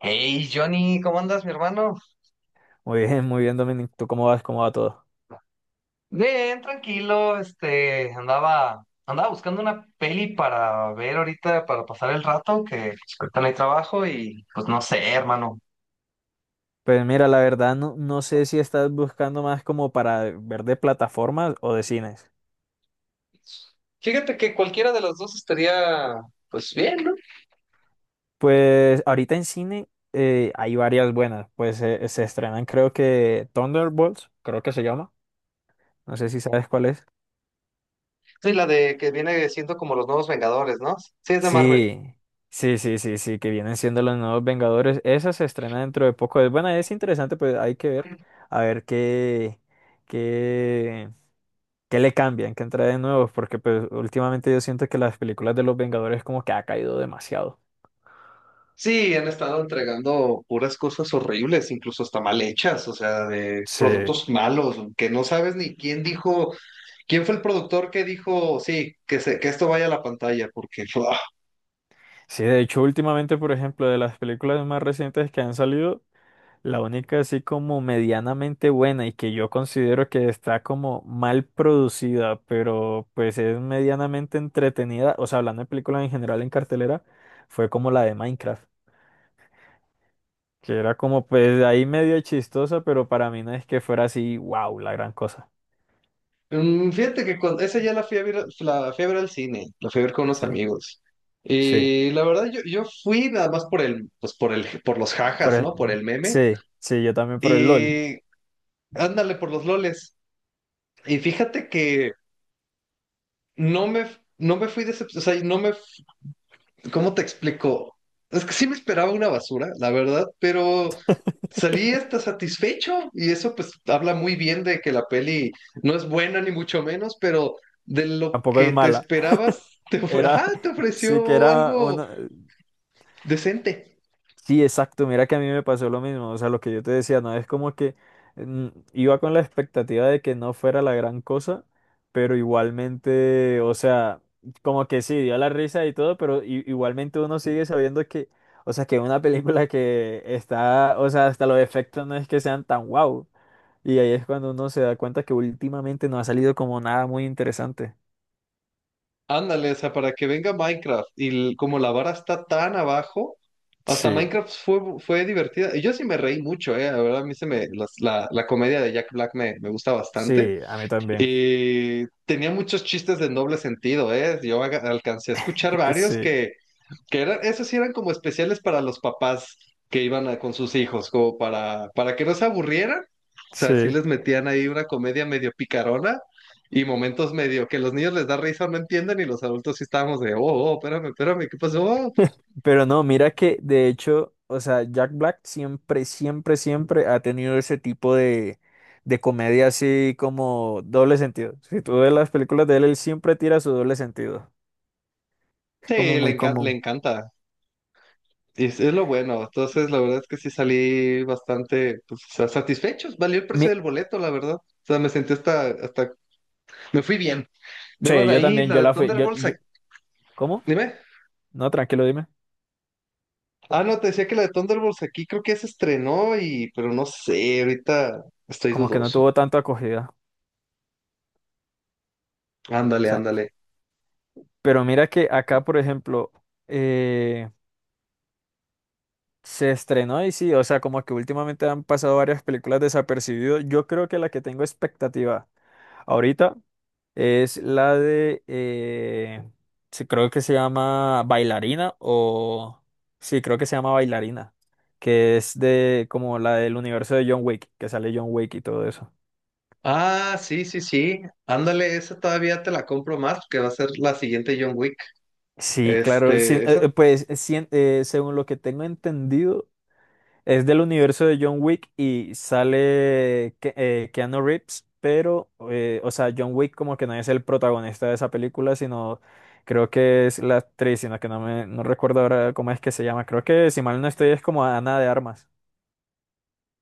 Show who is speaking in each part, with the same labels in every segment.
Speaker 1: Hey, Johnny, ¿cómo andas, mi hermano?
Speaker 2: Muy bien, Dominic. ¿Tú cómo vas? ¿Cómo va todo?
Speaker 1: Bien, tranquilo, andaba buscando una peli para ver ahorita, para pasar el rato, que pues, ahorita no hay trabajo y pues no sé, hermano.
Speaker 2: Pues mira, la verdad no sé si estás buscando más como para ver de plataformas o de cines.
Speaker 1: Fíjate que cualquiera de las dos estaría, pues bien, ¿no?
Speaker 2: Pues ahorita en cine hay varias buenas. Pues se estrenan creo que Thunderbolts, creo que se llama. No sé si sabes cuál es.
Speaker 1: Sí, la de que viene siendo como los nuevos Vengadores, ¿no? Sí, es de Marvel.
Speaker 2: Sí, sí, sí, sí, sí, que vienen siendo los nuevos Vengadores. Esa se estrena dentro de poco. Es buena, es interesante, pues hay que ver. A ver qué, que le cambian, que de nuevos, porque pues últimamente yo siento que las películas de los Vengadores como que ha caído demasiado.
Speaker 1: Sí, han estado entregando puras cosas horribles, incluso hasta mal hechas, o sea, de
Speaker 2: Sí,
Speaker 1: productos malos, que no sabes ni quién dijo. ¿Quién fue el productor que dijo, sí, que esto vaya a la pantalla? Porque, ¡fua!
Speaker 2: sí, de hecho últimamente, por ejemplo, de las películas más recientes que han salido, la única así como medianamente buena y que yo considero que está como mal producida, pero pues es medianamente entretenida, o sea, hablando de películas en general en cartelera, fue como la de Minecraft, que era como pues ahí medio chistosa, pero para mí no es que fuera así, wow, la gran cosa.
Speaker 1: Fíjate que esa ya la fui a ver, la fui a ver al cine, la fui a ver con unos
Speaker 2: Sí.
Speaker 1: amigos.
Speaker 2: Sí.
Speaker 1: Y la verdad, yo fui nada más por el, pues por el, por los
Speaker 2: Por
Speaker 1: jajas, ¿no? Por
Speaker 2: el-
Speaker 1: el meme.
Speaker 2: sí, sí, yo también por el LOL.
Speaker 1: Y ándale por los loles. Y fíjate que no me, no me fui decepcionado, o sea, no me, ¿cómo te explico? Es que sí me esperaba una basura, la verdad, pero salí hasta satisfecho y eso pues habla muy bien de que la peli no es buena ni mucho menos, pero de lo
Speaker 2: Tampoco es
Speaker 1: que te
Speaker 2: mala.
Speaker 1: esperabas,
Speaker 2: Era,
Speaker 1: ajá, te
Speaker 2: sí que
Speaker 1: ofreció
Speaker 2: era
Speaker 1: algo
Speaker 2: una...
Speaker 1: decente.
Speaker 2: Sí, exacto, mira que a mí me pasó lo mismo. O sea, lo que yo te decía, no es como que mm, iba con la expectativa de que no fuera la gran cosa, pero igualmente, o sea, como que sí, dio la risa y todo, pero igualmente uno sigue sabiendo que, o sea, que una película que está, o sea, hasta los efectos no es que sean tan guau. Y ahí es cuando uno se da cuenta que últimamente no ha salido como nada muy interesante.
Speaker 1: Ándale, o sea, para que venga Minecraft y como la vara está tan abajo, hasta
Speaker 2: Sí.
Speaker 1: Minecraft fue divertida. Y yo sí me reí mucho, la verdad, a mí se me, las- la comedia de Jack Black me gusta bastante.
Speaker 2: Sí, a mí también.
Speaker 1: Y tenía muchos chistes de doble sentido, alcancé a escuchar varios
Speaker 2: Sí,
Speaker 1: que eran, esos sí eran como especiales para los papás que iban con sus hijos, como para que no se aburrieran. O sea, sí
Speaker 2: sí.
Speaker 1: les metían ahí una comedia medio picarona y momentos medio que los niños les da risa, no entienden, y los adultos sí estábamos de, oh, oh, espérame, espérame, ¿qué pasó?
Speaker 2: Pero no, mira que de hecho, o sea, Jack Black siempre, siempre, siempre ha tenido ese tipo de comedia así como doble sentido. Si tú ves las películas de él, él siempre tira su doble sentido. Es
Speaker 1: Sí,
Speaker 2: como muy
Speaker 1: le
Speaker 2: común.
Speaker 1: encanta. Y es lo bueno. Entonces, la verdad es que sí salí bastante pues, satisfechos. Valió el precio
Speaker 2: Mi-
Speaker 1: del boleto, la verdad. O sea, me sentí, me fui bien. Luego
Speaker 2: sí,
Speaker 1: de
Speaker 2: yo
Speaker 1: ahí,
Speaker 2: también,
Speaker 1: la
Speaker 2: yo
Speaker 1: de
Speaker 2: la fui.
Speaker 1: Thunderbolts,
Speaker 2: ¿Cómo?
Speaker 1: dime.
Speaker 2: No, tranquilo, dime.
Speaker 1: Ah, no, te decía que la de Thunderbolts aquí creo que ya se estrenó pero no sé, ahorita estoy
Speaker 2: Como que no
Speaker 1: dudoso.
Speaker 2: tuvo tanta acogida.
Speaker 1: Ándale, ándale.
Speaker 2: Pero mira que acá, por ejemplo, eh, se estrenó y sí, o sea, como que últimamente han pasado varias películas desapercibidas. Yo creo que la que tengo expectativa ahorita es la de sí, creo que se llama Bailarina o, sí, creo que se llama Bailarina, que es de como la del universo de John Wick, que sale John Wick y todo eso.
Speaker 1: Ah, sí, sí, sí. Ándale, esa todavía te la compro más porque va a ser la siguiente John Wick.
Speaker 2: Sí, claro, sí,
Speaker 1: Este, esa,
Speaker 2: pues sí, según lo que tengo entendido. Es del universo de John Wick y sale Keanu Reeves, pero, o sea, John Wick como que no es el protagonista de esa película, sino creo que es la actriz, sino que no recuerdo ahora cómo es que se llama. Creo que si mal no estoy es como Ana de Armas.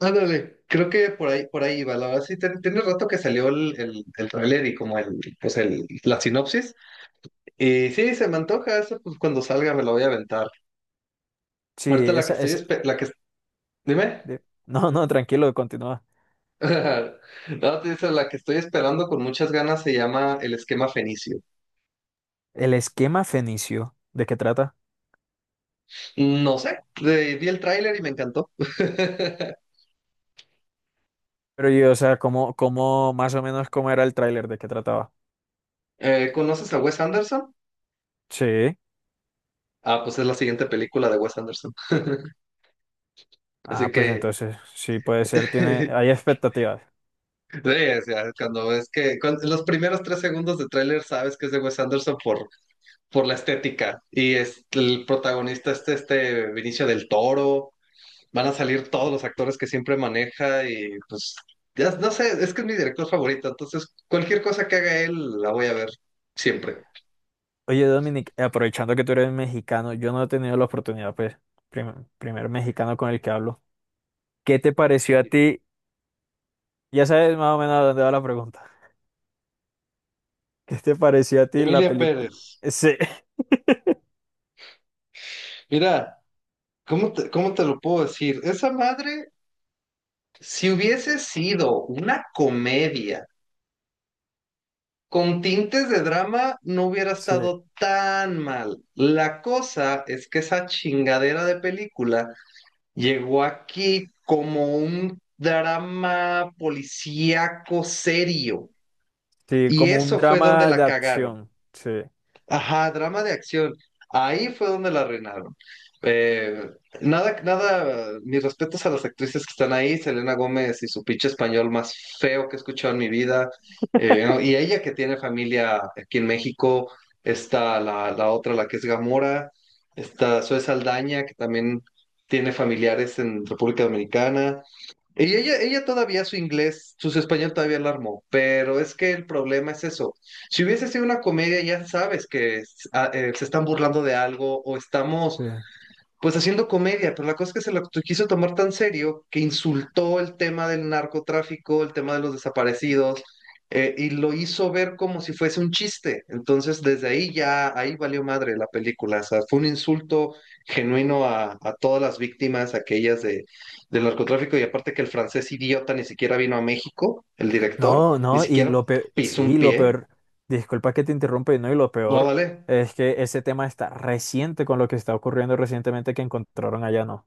Speaker 1: Ándale, creo que por ahí va. La verdad sí, tiene rato que salió el tráiler y como la sinopsis. Y sí, se me antoja eso, pues cuando salga me la voy a aventar.
Speaker 2: Sí,
Speaker 1: Ahorita la que
Speaker 2: esa,
Speaker 1: estoy,
Speaker 2: ese,
Speaker 1: dime.
Speaker 2: no, no, tranquilo, continúa.
Speaker 1: No, te dice, la que estoy esperando con muchas ganas se llama El Esquema Fenicio.
Speaker 2: El esquema fenicio, ¿de qué trata?
Speaker 1: No sé, vi el tráiler y me encantó.
Speaker 2: Pero yo, o sea, cómo, cómo, más o menos cómo era el tráiler, de qué trataba.
Speaker 1: ¿Conoces a Wes Anderson?
Speaker 2: Sí.
Speaker 1: Ah, pues es la siguiente película de Wes Anderson. Así
Speaker 2: Ah, pues
Speaker 1: que,
Speaker 2: entonces, sí puede ser, tiene,
Speaker 1: sí,
Speaker 2: hay expectativas.
Speaker 1: o sea, cuando ves que los primeros 3 segundos de tráiler sabes que es de Wes Anderson por la estética. Y es el protagonista este Vinicio del Toro. Van a salir todos los actores que siempre maneja y pues, ya no sé, es que es mi director favorito, entonces cualquier cosa que haga él la voy a ver siempre.
Speaker 2: Oye, Dominic, aprovechando que tú eres mexicano, yo no he tenido la oportunidad, pues, primer mexicano con el que hablo. ¿Qué te pareció a ti? Ya sabes más o menos a dónde va la pregunta. ¿Qué te pareció a ti la
Speaker 1: Emilia
Speaker 2: película?
Speaker 1: Pérez,
Speaker 2: Sí,
Speaker 1: mira, ¿cómo te lo puedo decir? Esa madre, si hubiese sido una comedia con tintes de drama, no hubiera
Speaker 2: sí,
Speaker 1: estado tan mal. La cosa es que esa chingadera de película llegó aquí como un drama policíaco serio.
Speaker 2: sí,
Speaker 1: Y
Speaker 2: como un
Speaker 1: eso fue donde
Speaker 2: drama de
Speaker 1: la cagaron.
Speaker 2: acción. Sí,
Speaker 1: Ajá, drama de acción. Ahí fue donde la arruinaron. Eh, Nada, nada, mis respetos a las actrices que están ahí, Selena Gómez y su pinche español más feo que he escuchado en mi vida. ¿No? Y ella que tiene familia aquí en México, está la otra, la que es Gamora, está Zoe Saldaña, que también tiene familiares en República Dominicana. Y ella todavía su inglés, su español todavía la armó, pero es que el problema es eso. Si hubiese sido una comedia, ya sabes que se están burlando de algo o estamos
Speaker 2: sí.
Speaker 1: pues haciendo comedia, pero la cosa es que quiso tomar tan serio que insultó el tema del narcotráfico, el tema de los desaparecidos, y lo hizo ver como si fuese un chiste. Entonces, desde ahí ya, ahí valió madre la película. O sea, fue un insulto genuino a todas las víctimas, aquellas del narcotráfico, y aparte que el francés idiota ni siquiera vino a México, el director,
Speaker 2: No,
Speaker 1: ni
Speaker 2: no, y
Speaker 1: siquiera
Speaker 2: lo peor,
Speaker 1: pisó un
Speaker 2: sí, lo
Speaker 1: pie.
Speaker 2: peor, disculpa que te interrumpa, y no, y lo
Speaker 1: No,
Speaker 2: peor
Speaker 1: vale.
Speaker 2: es que ese tema está reciente con lo que está ocurriendo recientemente que encontraron allá, ¿no?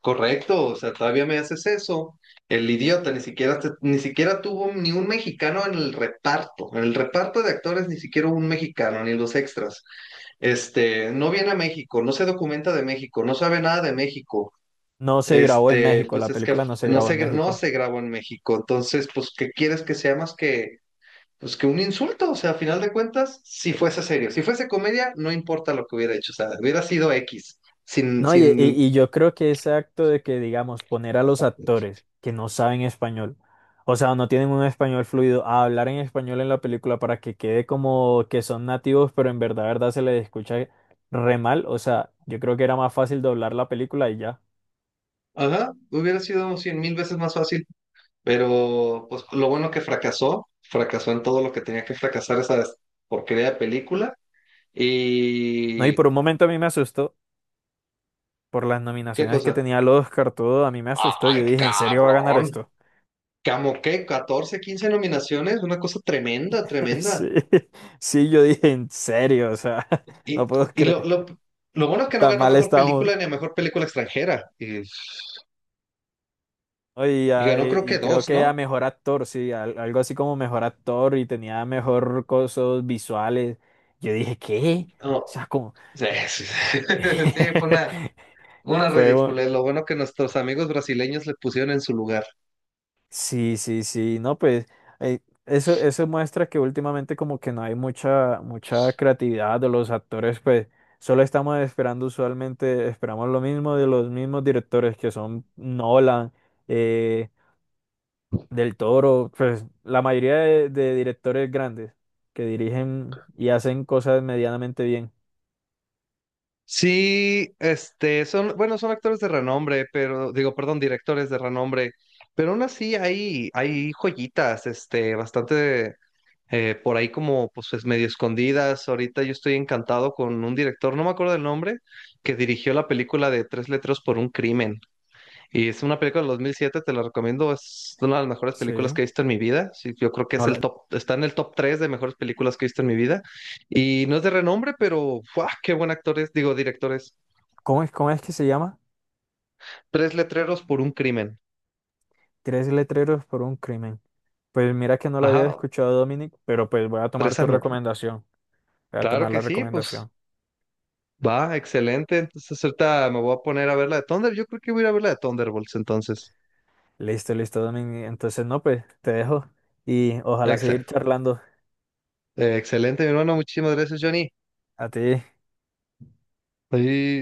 Speaker 1: Correcto, o sea, todavía me haces eso. El idiota ni siquiera ni siquiera tuvo ni un mexicano en el reparto. En el reparto de actores ni siquiera hubo un mexicano, ni los extras. No viene a México, no se documenta de México, no sabe nada de México.
Speaker 2: No se grabó en
Speaker 1: Este,
Speaker 2: México,
Speaker 1: pues
Speaker 2: la
Speaker 1: es que
Speaker 2: película no se
Speaker 1: no
Speaker 2: grabó en
Speaker 1: no
Speaker 2: México.
Speaker 1: se grabó en México. Entonces, pues, ¿qué quieres que sea más que pues que un insulto? O sea, a final de cuentas, si fuese serio, si fuese comedia, no importa lo que hubiera hecho, o sea, hubiera sido X sin,
Speaker 2: No,
Speaker 1: sin
Speaker 2: y yo creo que ese acto de que, digamos, poner a los actores que no saben español, o sea, no tienen un español fluido, a hablar en español en la película para que quede como que son nativos, pero en verdad, verdad se les escucha re mal, o sea, yo creo que era más fácil doblar la película y ya.
Speaker 1: ajá, hubiera sido 100,000 veces más fácil, pero pues lo bueno que fracasó, fracasó en todo lo que tenía que fracasar esa porquería de película.
Speaker 2: No, y
Speaker 1: Y
Speaker 2: por un momento a mí me asustó por las
Speaker 1: qué
Speaker 2: nominaciones que
Speaker 1: cosa,
Speaker 2: tenía el Oscar, todo, a mí me asustó,
Speaker 1: ay
Speaker 2: yo dije, ¿en serio va a ganar
Speaker 1: cabrón,
Speaker 2: esto?
Speaker 1: como que 14, 15 nominaciones, una cosa tremenda, tremenda.
Speaker 2: Sí, sí, yo dije, ¿en serio? O sea, no
Speaker 1: Y,
Speaker 2: puedo
Speaker 1: y lo,
Speaker 2: creer,
Speaker 1: lo, lo bueno es que no
Speaker 2: tan
Speaker 1: ganó
Speaker 2: mal
Speaker 1: mejor película
Speaker 2: estamos.
Speaker 1: ni a mejor película extranjera, y,
Speaker 2: ¿No? Y,
Speaker 1: y ganó creo que
Speaker 2: y creo
Speaker 1: dos,
Speaker 2: que a
Speaker 1: ¿no?
Speaker 2: mejor actor, sí, algo así como mejor actor y tenía mejor cosas visuales. Yo dije, ¿qué?
Speaker 1: No,
Speaker 2: O sea, como...
Speaker 1: sí, sí, sí, sí, fue una, una
Speaker 2: Fue...
Speaker 1: ridícula. Lo bueno que nuestros amigos brasileños le pusieron en su lugar.
Speaker 2: Sí, sí, sí, no, pues eh, eso, eso muestra que últimamente como que no hay mucha, mucha creatividad de los actores, pues solo estamos esperando usualmente, esperamos lo mismo de los mismos directores que son Nolan. eh, Del Toro, pues la mayoría de directores grandes que dirigen y hacen cosas medianamente bien.
Speaker 1: Sí, bueno, son actores de renombre, pero, digo, perdón, directores de renombre, pero aún así hay joyitas, bastante por ahí como, pues, medio escondidas. Ahorita yo estoy encantado con un director, no me acuerdo el nombre, que dirigió la película de Tres Letras por un Crimen. Y es una película del 2007, te la recomiendo. Es una de las mejores películas
Speaker 2: Sí.
Speaker 1: que he visto en mi vida. Sí, yo creo que es
Speaker 2: No,
Speaker 1: el
Speaker 2: la-
Speaker 1: top, está en el top 3 de mejores películas que he visto en mi vida. Y no es de renombre, pero, ¡fua! Qué buen actor es, digo, director es.
Speaker 2: cómo es que se llama?
Speaker 1: Tres letreros por un crimen.
Speaker 2: Tres letreros por un crimen. Pues mira que no lo había
Speaker 1: Ajá,
Speaker 2: escuchado, Dominic, pero pues voy a tomar
Speaker 1: tres
Speaker 2: tu
Speaker 1: anu.
Speaker 2: recomendación. Voy a
Speaker 1: Claro
Speaker 2: tomar
Speaker 1: que
Speaker 2: la
Speaker 1: sí, pues
Speaker 2: recomendación.
Speaker 1: va, excelente. Entonces ahorita me voy a poner a ver la de Thunder. Yo creo que voy a ir a ver la de Thunderbolts entonces.
Speaker 2: Listo, listo, Dominic. Entonces, no, pues te dejo y ojalá
Speaker 1: Excel.
Speaker 2: seguir charlando.
Speaker 1: Excelente, mi hermano. Muchísimas gracias, Johnny.
Speaker 2: A ti.
Speaker 1: Ahí